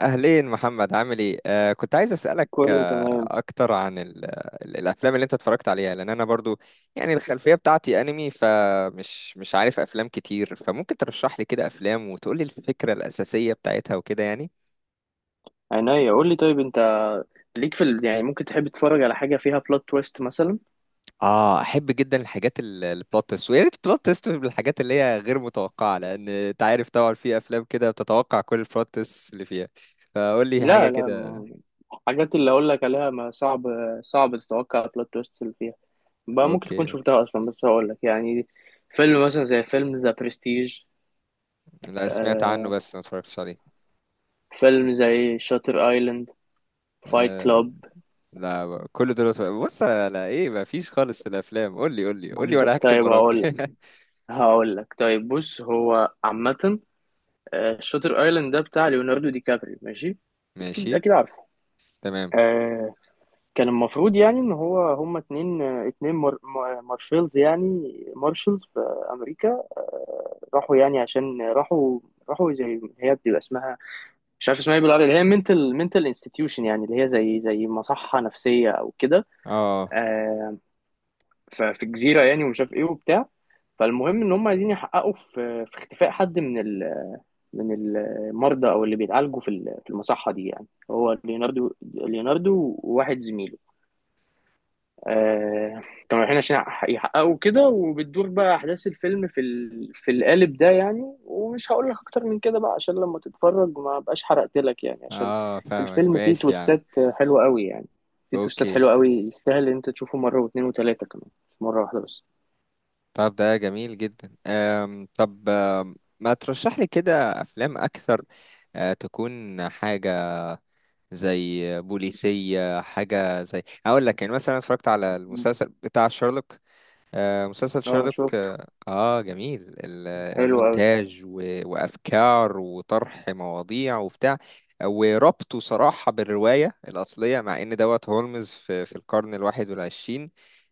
أهلين محمد عامل إيه؟ كنت عايز أسألك كله تمام. أكتر عن ال الأفلام اللي أنت اتفرجت عليها، لأن أنا برضو يعني الخلفية بتاعتي أنمي، فمش مش عارف أفلام كتير، فممكن ترشح لي كده أفلام وتقول لي الفكرة الأساسية بتاعتها وكده يعني. عينيا قول لي. طيب انت ليك في يعني ممكن تحب تتفرج على حاجه فيها بلوت تويست مثلا؟ آه، أحب جدا الحاجات البلوت تويست، ويا ريت البلوت تويست بالحاجات اللي هي غير متوقعة، لأن أنت عارف طبعا في أفلام كده بتتوقع كل البلوت تويست اللي فيها. فقول لي حاجة لا لا كده. ما... الحاجات اللي اقول لك عليها ما صعب، صعب تتوقع بلوت تويست اللي فيها، بقى ممكن تكون أوكي. شفتها اصلا، بس هقول لك. يعني فيلم مثلا زي فيلم ذا برستيج، لا، سمعت عنه بس ما اتفرجتش فيلم زي شاتر ايلاند، فايت عليه. كلاب. لا، كل دول أسبوع. بص، على ايه؟ ما فيش خالص في الافلام؟ قول لي قول لي قول لي، ولا هكتب طيب هقول وراك. لك هقول لك طيب، بص هو عامه. شاتر ايلاند ده بتاع ليوناردو دي كابري، ماشي، اكيد ماشي. اكيد عارفه. تمام. آه، كان المفروض يعني ان هو هما اتنين، اتنين مارشلز يعني مارشلز في امريكا. راحوا يعني عشان راحوا زي، هي بتبقى اسمها، مش عارف اسمها ايه بالعربي، اللي هي منتل انستتيوشن، يعني اللي هي زي مصحة نفسية او كده. اه. آه، ففي جزيرة يعني ومش عارف ايه وبتاع. فالمهم ان هم عايزين يحققوا في اختفاء حد من ال من المرضى او اللي بيتعالجوا في المصحة دي، يعني هو ليوناردو، وواحد زميله. آه، كانوا رايحين عشان يحققوا كده، وبتدور بقى احداث الفيلم في القالب ده يعني، ومش هقول لك اكتر من كده بقى، عشان لما تتفرج ما بقاش حرقت لك، يعني عشان اه، فاهمك، الفيلم فيه ماشي يا عم. تويستات حلوة قوي يعني. فيه تويستات اوكي. حلوة قوي، يستاهل ان انت تشوفه مرة واتنين وتلاتة كمان، مش مرة واحدة بس. طب ده جميل جدا. طب، ما ترشح لي كده افلام اكثر، أه تكون حاجة زي بوليسية، حاجة زي هقول لك، يعني مثلا اتفرجت على مم. المسلسل بتاع شارلوك. آه، مسلسل اه شيرلوك، شفته، اه، آه، جميل حلو قوي. المونتاج وافكار وطرح مواضيع وبتاع، وربطه صراحة بالرواية الأصلية، مع إن دوت هولمز في، في القرن الواحد والعشرين،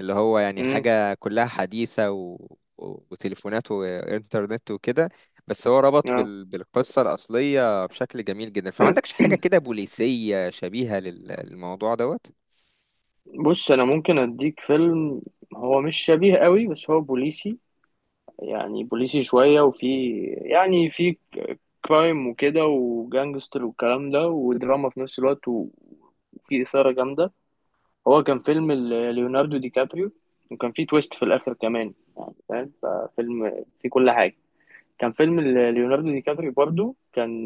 اللي هو يعني امم. حاجة كلها حديثة وتليفونات وإنترنت وكده، بس هو ربط اه، بالقصة الأصلية بشكل جميل جدا. فما عندكش حاجة كده بوليسية شبيهة للموضوع دوت؟ بص انا ممكن اديك فيلم. هو مش شبيه قوي بس هو بوليسي، يعني بوليسي شوية، وفي يعني في كرايم وكده وجانجستر والكلام ده، ودراما في نفس الوقت، وفي إثارة جامدة. هو كان فيلم ليوناردو دي كابريو، وكان فيه تويست في الآخر كمان يعني، فاهم؟ ففيلم فيه كل حاجة. كان فيلم ليوناردو دي كابريو برضو، كان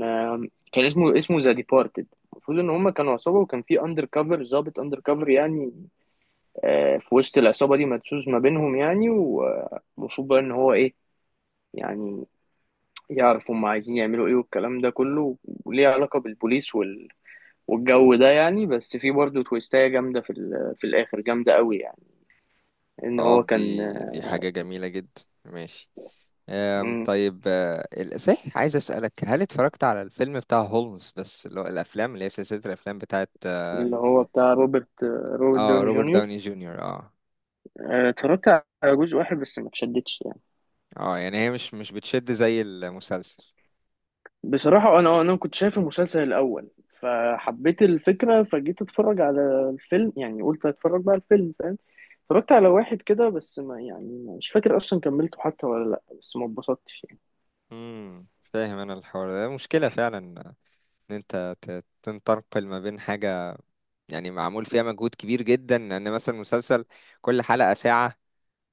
كان اسمه، اسمه ذا ديبارتد. المفروض ان هما كانوا عصابه، وكان في اندر كفر، ضابط اندر كفر يعني. في وسط العصابه دي، مدسوس ما بينهم يعني. المفروض بقى ان هو ايه، يعني يعرفوا هم عايزين يعملوا ايه والكلام ده كله، وليه علاقة بالبوليس والجو ده يعني. بس في برضه تويستاية جامدة في الآخر جامدة قوي يعني، إن اه، هو كان. دي حاجة جميلة جدا، ماشي. مم. طيب، آه، صحيح عايز أسألك، هل اتفرجت على الفيلم بتاع هولمز، بس اللي هو الأفلام اللي هي سلسلة الأفلام بتاعت اه؟ اللي هو بتاع روبرت آه، دوني روبرت جونيور. داوني جونيور، اه. اتفرجت على جزء واحد بس ما اتشدتش يعني. اه، يعني هي مش بتشد زي المسلسل. بصراحة أنا كنت شايف المسلسل الأول، فحبيت الفكرة، فجيت أتفرج على الفيلم، يعني قلت أتفرج بقى على الفيلم، فاهم؟ اتفرجت على واحد كده، بس ما، يعني مش فاكر أصلا كملته حتى ولا لأ، بس ما اتبسطتش يعني. امم، فاهم. انا الحوار ده مشكلة فعلا، ان انت تنتقل ما بين حاجة يعني معمول فيها مجهود كبير جدا، ان مثلا مسلسل كل حلقة ساعة،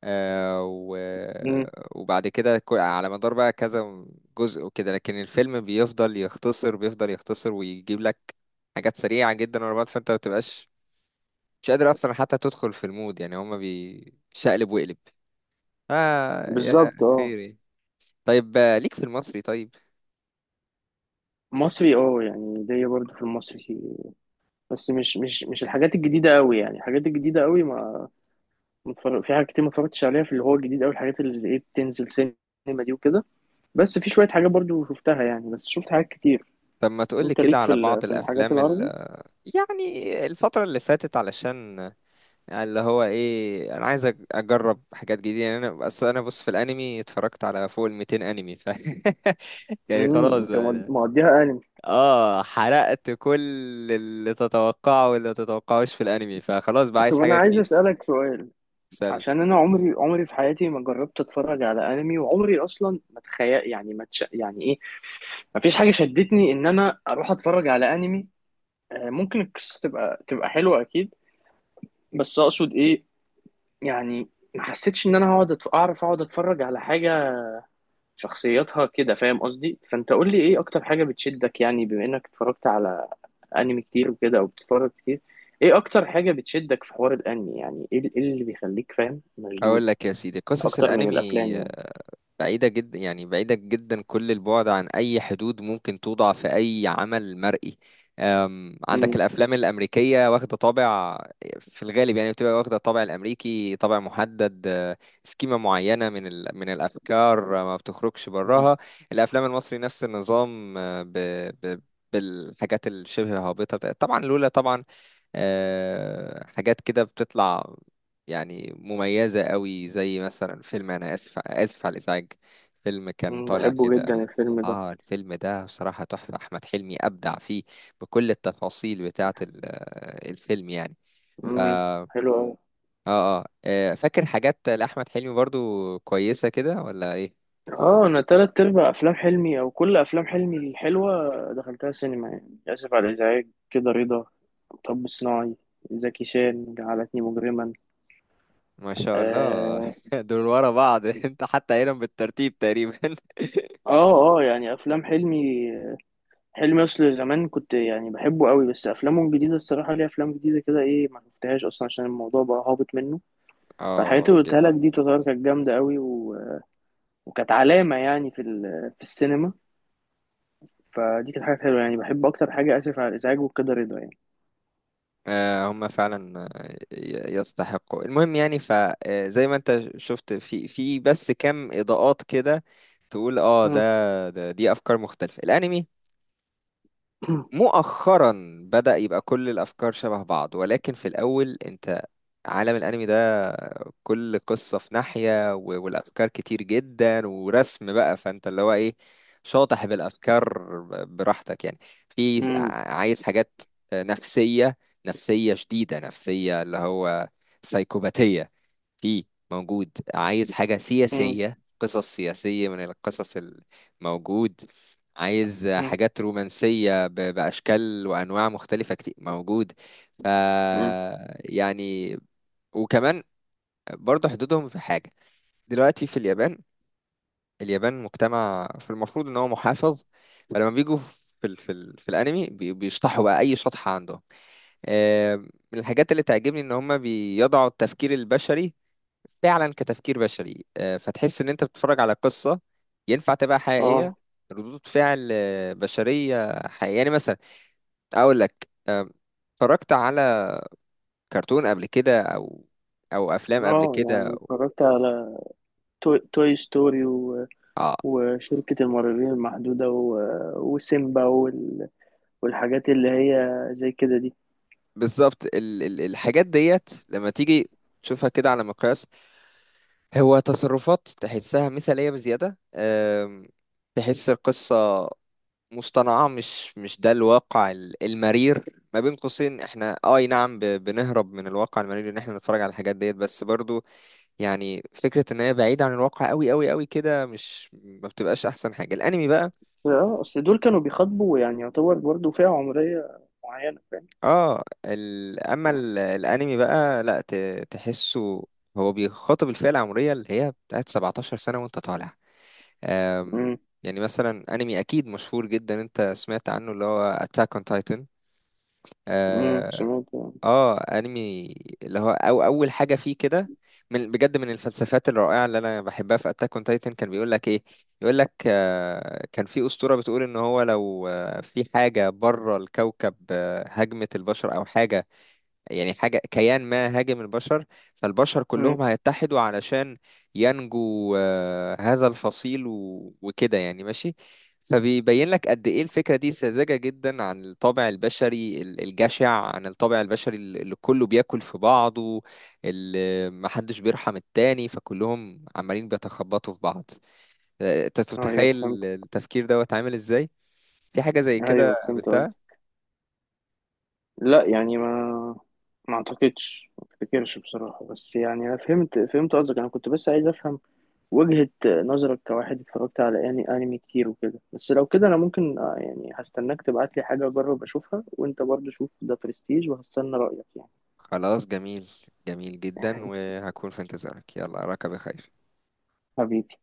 آه، مم. وبعد كده على مدار بقى كذا جزء وكده، لكن الفيلم بيفضل يختصر، بيفضل يختصر ويجيب لك حاجات سريعة جدا ورا بعض، فانت ما بتبقاش مش قادر اصلا حتى تدخل في المود. يعني هما بيشقلب وقلب. اه يا بالظبط اه. خيري. طيب آه، ليك في المصري؟ طيب، مصري، اه يعني ليا برضه في المصري، بس مش الحاجات الجديدة قوي. يعني الحاجات الجديدة قوي ما متفرج، في حاجات كتير ما اتفرجتش عليها، في اللي هو الجديد قوي، الحاجات اللي ايه بتنزل سينما دي وكده. بس في شوية حاجات برضه شفتها يعني، بس شفت حاجات كتير. طب ما تقولي انت كده ليك على بعض في الحاجات الافلام العربي؟ يعني الفترة اللي فاتت، علشان يعني اللي هو ايه، انا عايز اجرب حاجات جديده. يعني انا بس، انا بص، في الانمي اتفرجت على فوق ال 200 انمي ف يعني امم. خلاص انت بقى أنا. موديها انمي. اه، حرقت كل اللي تتوقعه واللي ما تتوقعوش في الانمي، فخلاص بقى طب عايز انا حاجه عايز جديده. اسألك سؤال. سل. عشان انا عمري في حياتي ما جربت اتفرج على انمي، وعمري اصلا ما تخيل، يعني ما تش... يعني ايه، ما فيش حاجة شدتني ان انا اروح اتفرج على انمي. ممكن القصة تبقى حلوة أكيد، بس أقصد إيه يعني، ما حسيتش إن أنا هقعد أعرف أقعد أتفرج على حاجة شخصيتها كده، فاهم قصدي؟ فأنت قول لي إيه أكتر حاجة بتشدك، يعني بما إنك اتفرجت على أنمي كتير وكده، أو بتتفرج كتير. إيه أكتر حاجة بتشدك في حوار الأنمي؟ يعني إيه إيه اللي بيخليك فاهم مشدود هقول لك يا سيدي، قصص أكتر من الانمي الأفلام يعني؟ بعيدة جدا، يعني بعيدة جدا كل البعد عن أي حدود ممكن توضع في أي عمل مرئي. عندك مم. الأفلام الأمريكية واخدة طابع في الغالب، يعني بتبقى واخدة طابع الأمريكي، طابع محدد، أه، سكيمة معينة من الأفكار، أه، ما بتخرجش مم. براها. الأفلام المصري نفس النظام، أه، ب... بالحاجات الشبه هابطة طبعا، لولا طبعا آه، حاجات كده بتطلع يعني مميزة قوي، زي مثلا فيلم أنا آسف، آسف على الإزعاج، فيلم كان مم. طالع بحبه كده. جدا الفيلم ده. آه، الفيلم ده بصراحة تحفة. أحمد حلمي أبدع فيه بكل التفاصيل بتاعة آه، الفيلم يعني. ف... مم. آه, حلو أوي. آه، آه، فاكر حاجات لأحمد حلمي برضو كويسة كده ولا إيه؟ اه انا تلات ارباع افلام حلمي او كل افلام حلمي الحلوه دخلتها سينما، يعني اسف على الازعاج، كده رضا، مطب صناعي، زكي شان، جعلتني مجرما. ما شاء الله اه. دول ورا بعض انت حتى قايلهم بالترتيب تقريبا. اه يعني افلام حلمي، حلمي اصل زمان كنت يعني بحبه قوي، بس افلامه الجديده الصراحه ليه افلام جديده كده ايه ما شفتهاش اصلا، عشان الموضوع بقى هابط منه. فالحاجات اه اللي قلتها جدا. لك دي تعتبر كانت جامده قوي، وكانت علامه يعني في السينما. فدي كانت حاجه حلوه يعني، بحب اكتر حاجه اسف على الازعاج وكده رضا يعني. آه، هم فعلا آه، يستحقوا. المهم يعني، فزي ما انت شفت في في بس كام اضاءات كده تقول اه، ده، دي افكار مختلفة. الانمي مم. مؤخرا بدأ يبقى كل الافكار شبه بعض، ولكن في الاول انت، عالم الانمي ده كل قصة في ناحية، والافكار كتير جدا ورسم بقى، فانت اللي هو ايه، شاطح بالافكار براحتك يعني. في امم. عايز حاجات نفسية، نفسية شديدة، نفسية اللي هو سايكوباتية في موجود. عايز حاجة امم. سياسية، قصص سياسية من القصص الموجود. عايز امم. حاجات رومانسية بأشكال وأنواع مختلفة كتير موجود. ف امم. يعني، وكمان برضه حدودهم في حاجة. دلوقتي في اليابان، اليابان مجتمع في المفروض ان هو محافظ، فلما بيجوا في ال في ال في الانمي بيشطحوا بقى اي شطحة عندهم. آه، من الحاجات اللي تعجبني ان هم بيضعوا التفكير البشري فعلا كتفكير بشري، آه، فتحس ان انت بتتفرج على قصة ينفع تبقى حقيقية، اه. ردود فعل آه، بشرية حقيقية. يعني مثلا اقول لك آه، اتفرجت على كرتون قبل كده، او او افلام قبل اه كده. يعني اتفرجت على توي ستوري، آه. وشركة المرعبين المحدودة، وسيمبا والحاجات اللي هي زي كده دي. بالظبط، ال الحاجات ديت لما تيجي تشوفها كده على مقياس، هو تصرفات تحسها مثالية بزيادة، تحس القصة مصطنعة، مش ده الواقع المرير. ما بين قوسين احنا آه، اي نعم بنهرب من الواقع المرير ان احنا نتفرج على الحاجات ديت، بس برضو يعني فكرة ان هي بعيدة عن الواقع قوي قوي قوي كده مش ما بتبقاش احسن حاجة الانمي بقى. اه اصل دول كانوا بيخاطبوا، يعني يعتبر برضو فئة عمرية معينة، فاهم؟ اه اما الانمي بقى لا تحسه هو بيخاطب الفئة العمرية اللي هي بتاعت 17 سنة وانت طالع. أم... امم. يعني مثلا انمي اكيد مشهور جدا انت سمعت عنه اللي هو Attack on Titan. امم، اه, سمعت. آه، انمي اللي هو أو اول حاجة فيه كده، من بجد من الفلسفات الرائعة اللي انا بحبها في Attack on Titan، كان بيقول لك ايه؟ يقول لك آه، كان في أسطورة بتقول ان هو لو آه، في حاجة بره الكوكب آه، هاجمت البشر او حاجة، يعني حاجة كيان ما هاجم البشر، فالبشر امم. كلهم هيتحدوا علشان ينجو، آه، هذا الفصيل وكده يعني ماشي. فبيبين لك قد ايه الفكرة دي ساذجة جدا عن الطابع البشري الجشع، عن الطابع البشري اللي كله بياكل في بعضه، اللي محدش بيرحم التاني، فكلهم عمالين بيتخبطوا في بعض. آه، انت ايوه تتخيل فهمت. التفكير دوت عامل ازاي، في حاجة زي كده ايوه فهمت قصدي. قابلتها؟ لا يعني ما، ما اعتقدش، ما افتكرش بصراحة، بس يعني انا فهمت، فهمت قصدك. انا كنت بس عايز افهم وجهة نظرك كواحد اتفرجت على يعني انمي كتير وكده. بس لو كده انا ممكن، يعني هستناك تبعت لي حاجة اجرب اشوفها، وانت برضو شوف ده برستيج وهستنى رأيك يعني. خلاص، جميل، جميل جدا، وهكون في انتظارك. يلا، أراك بخير. حبيبي.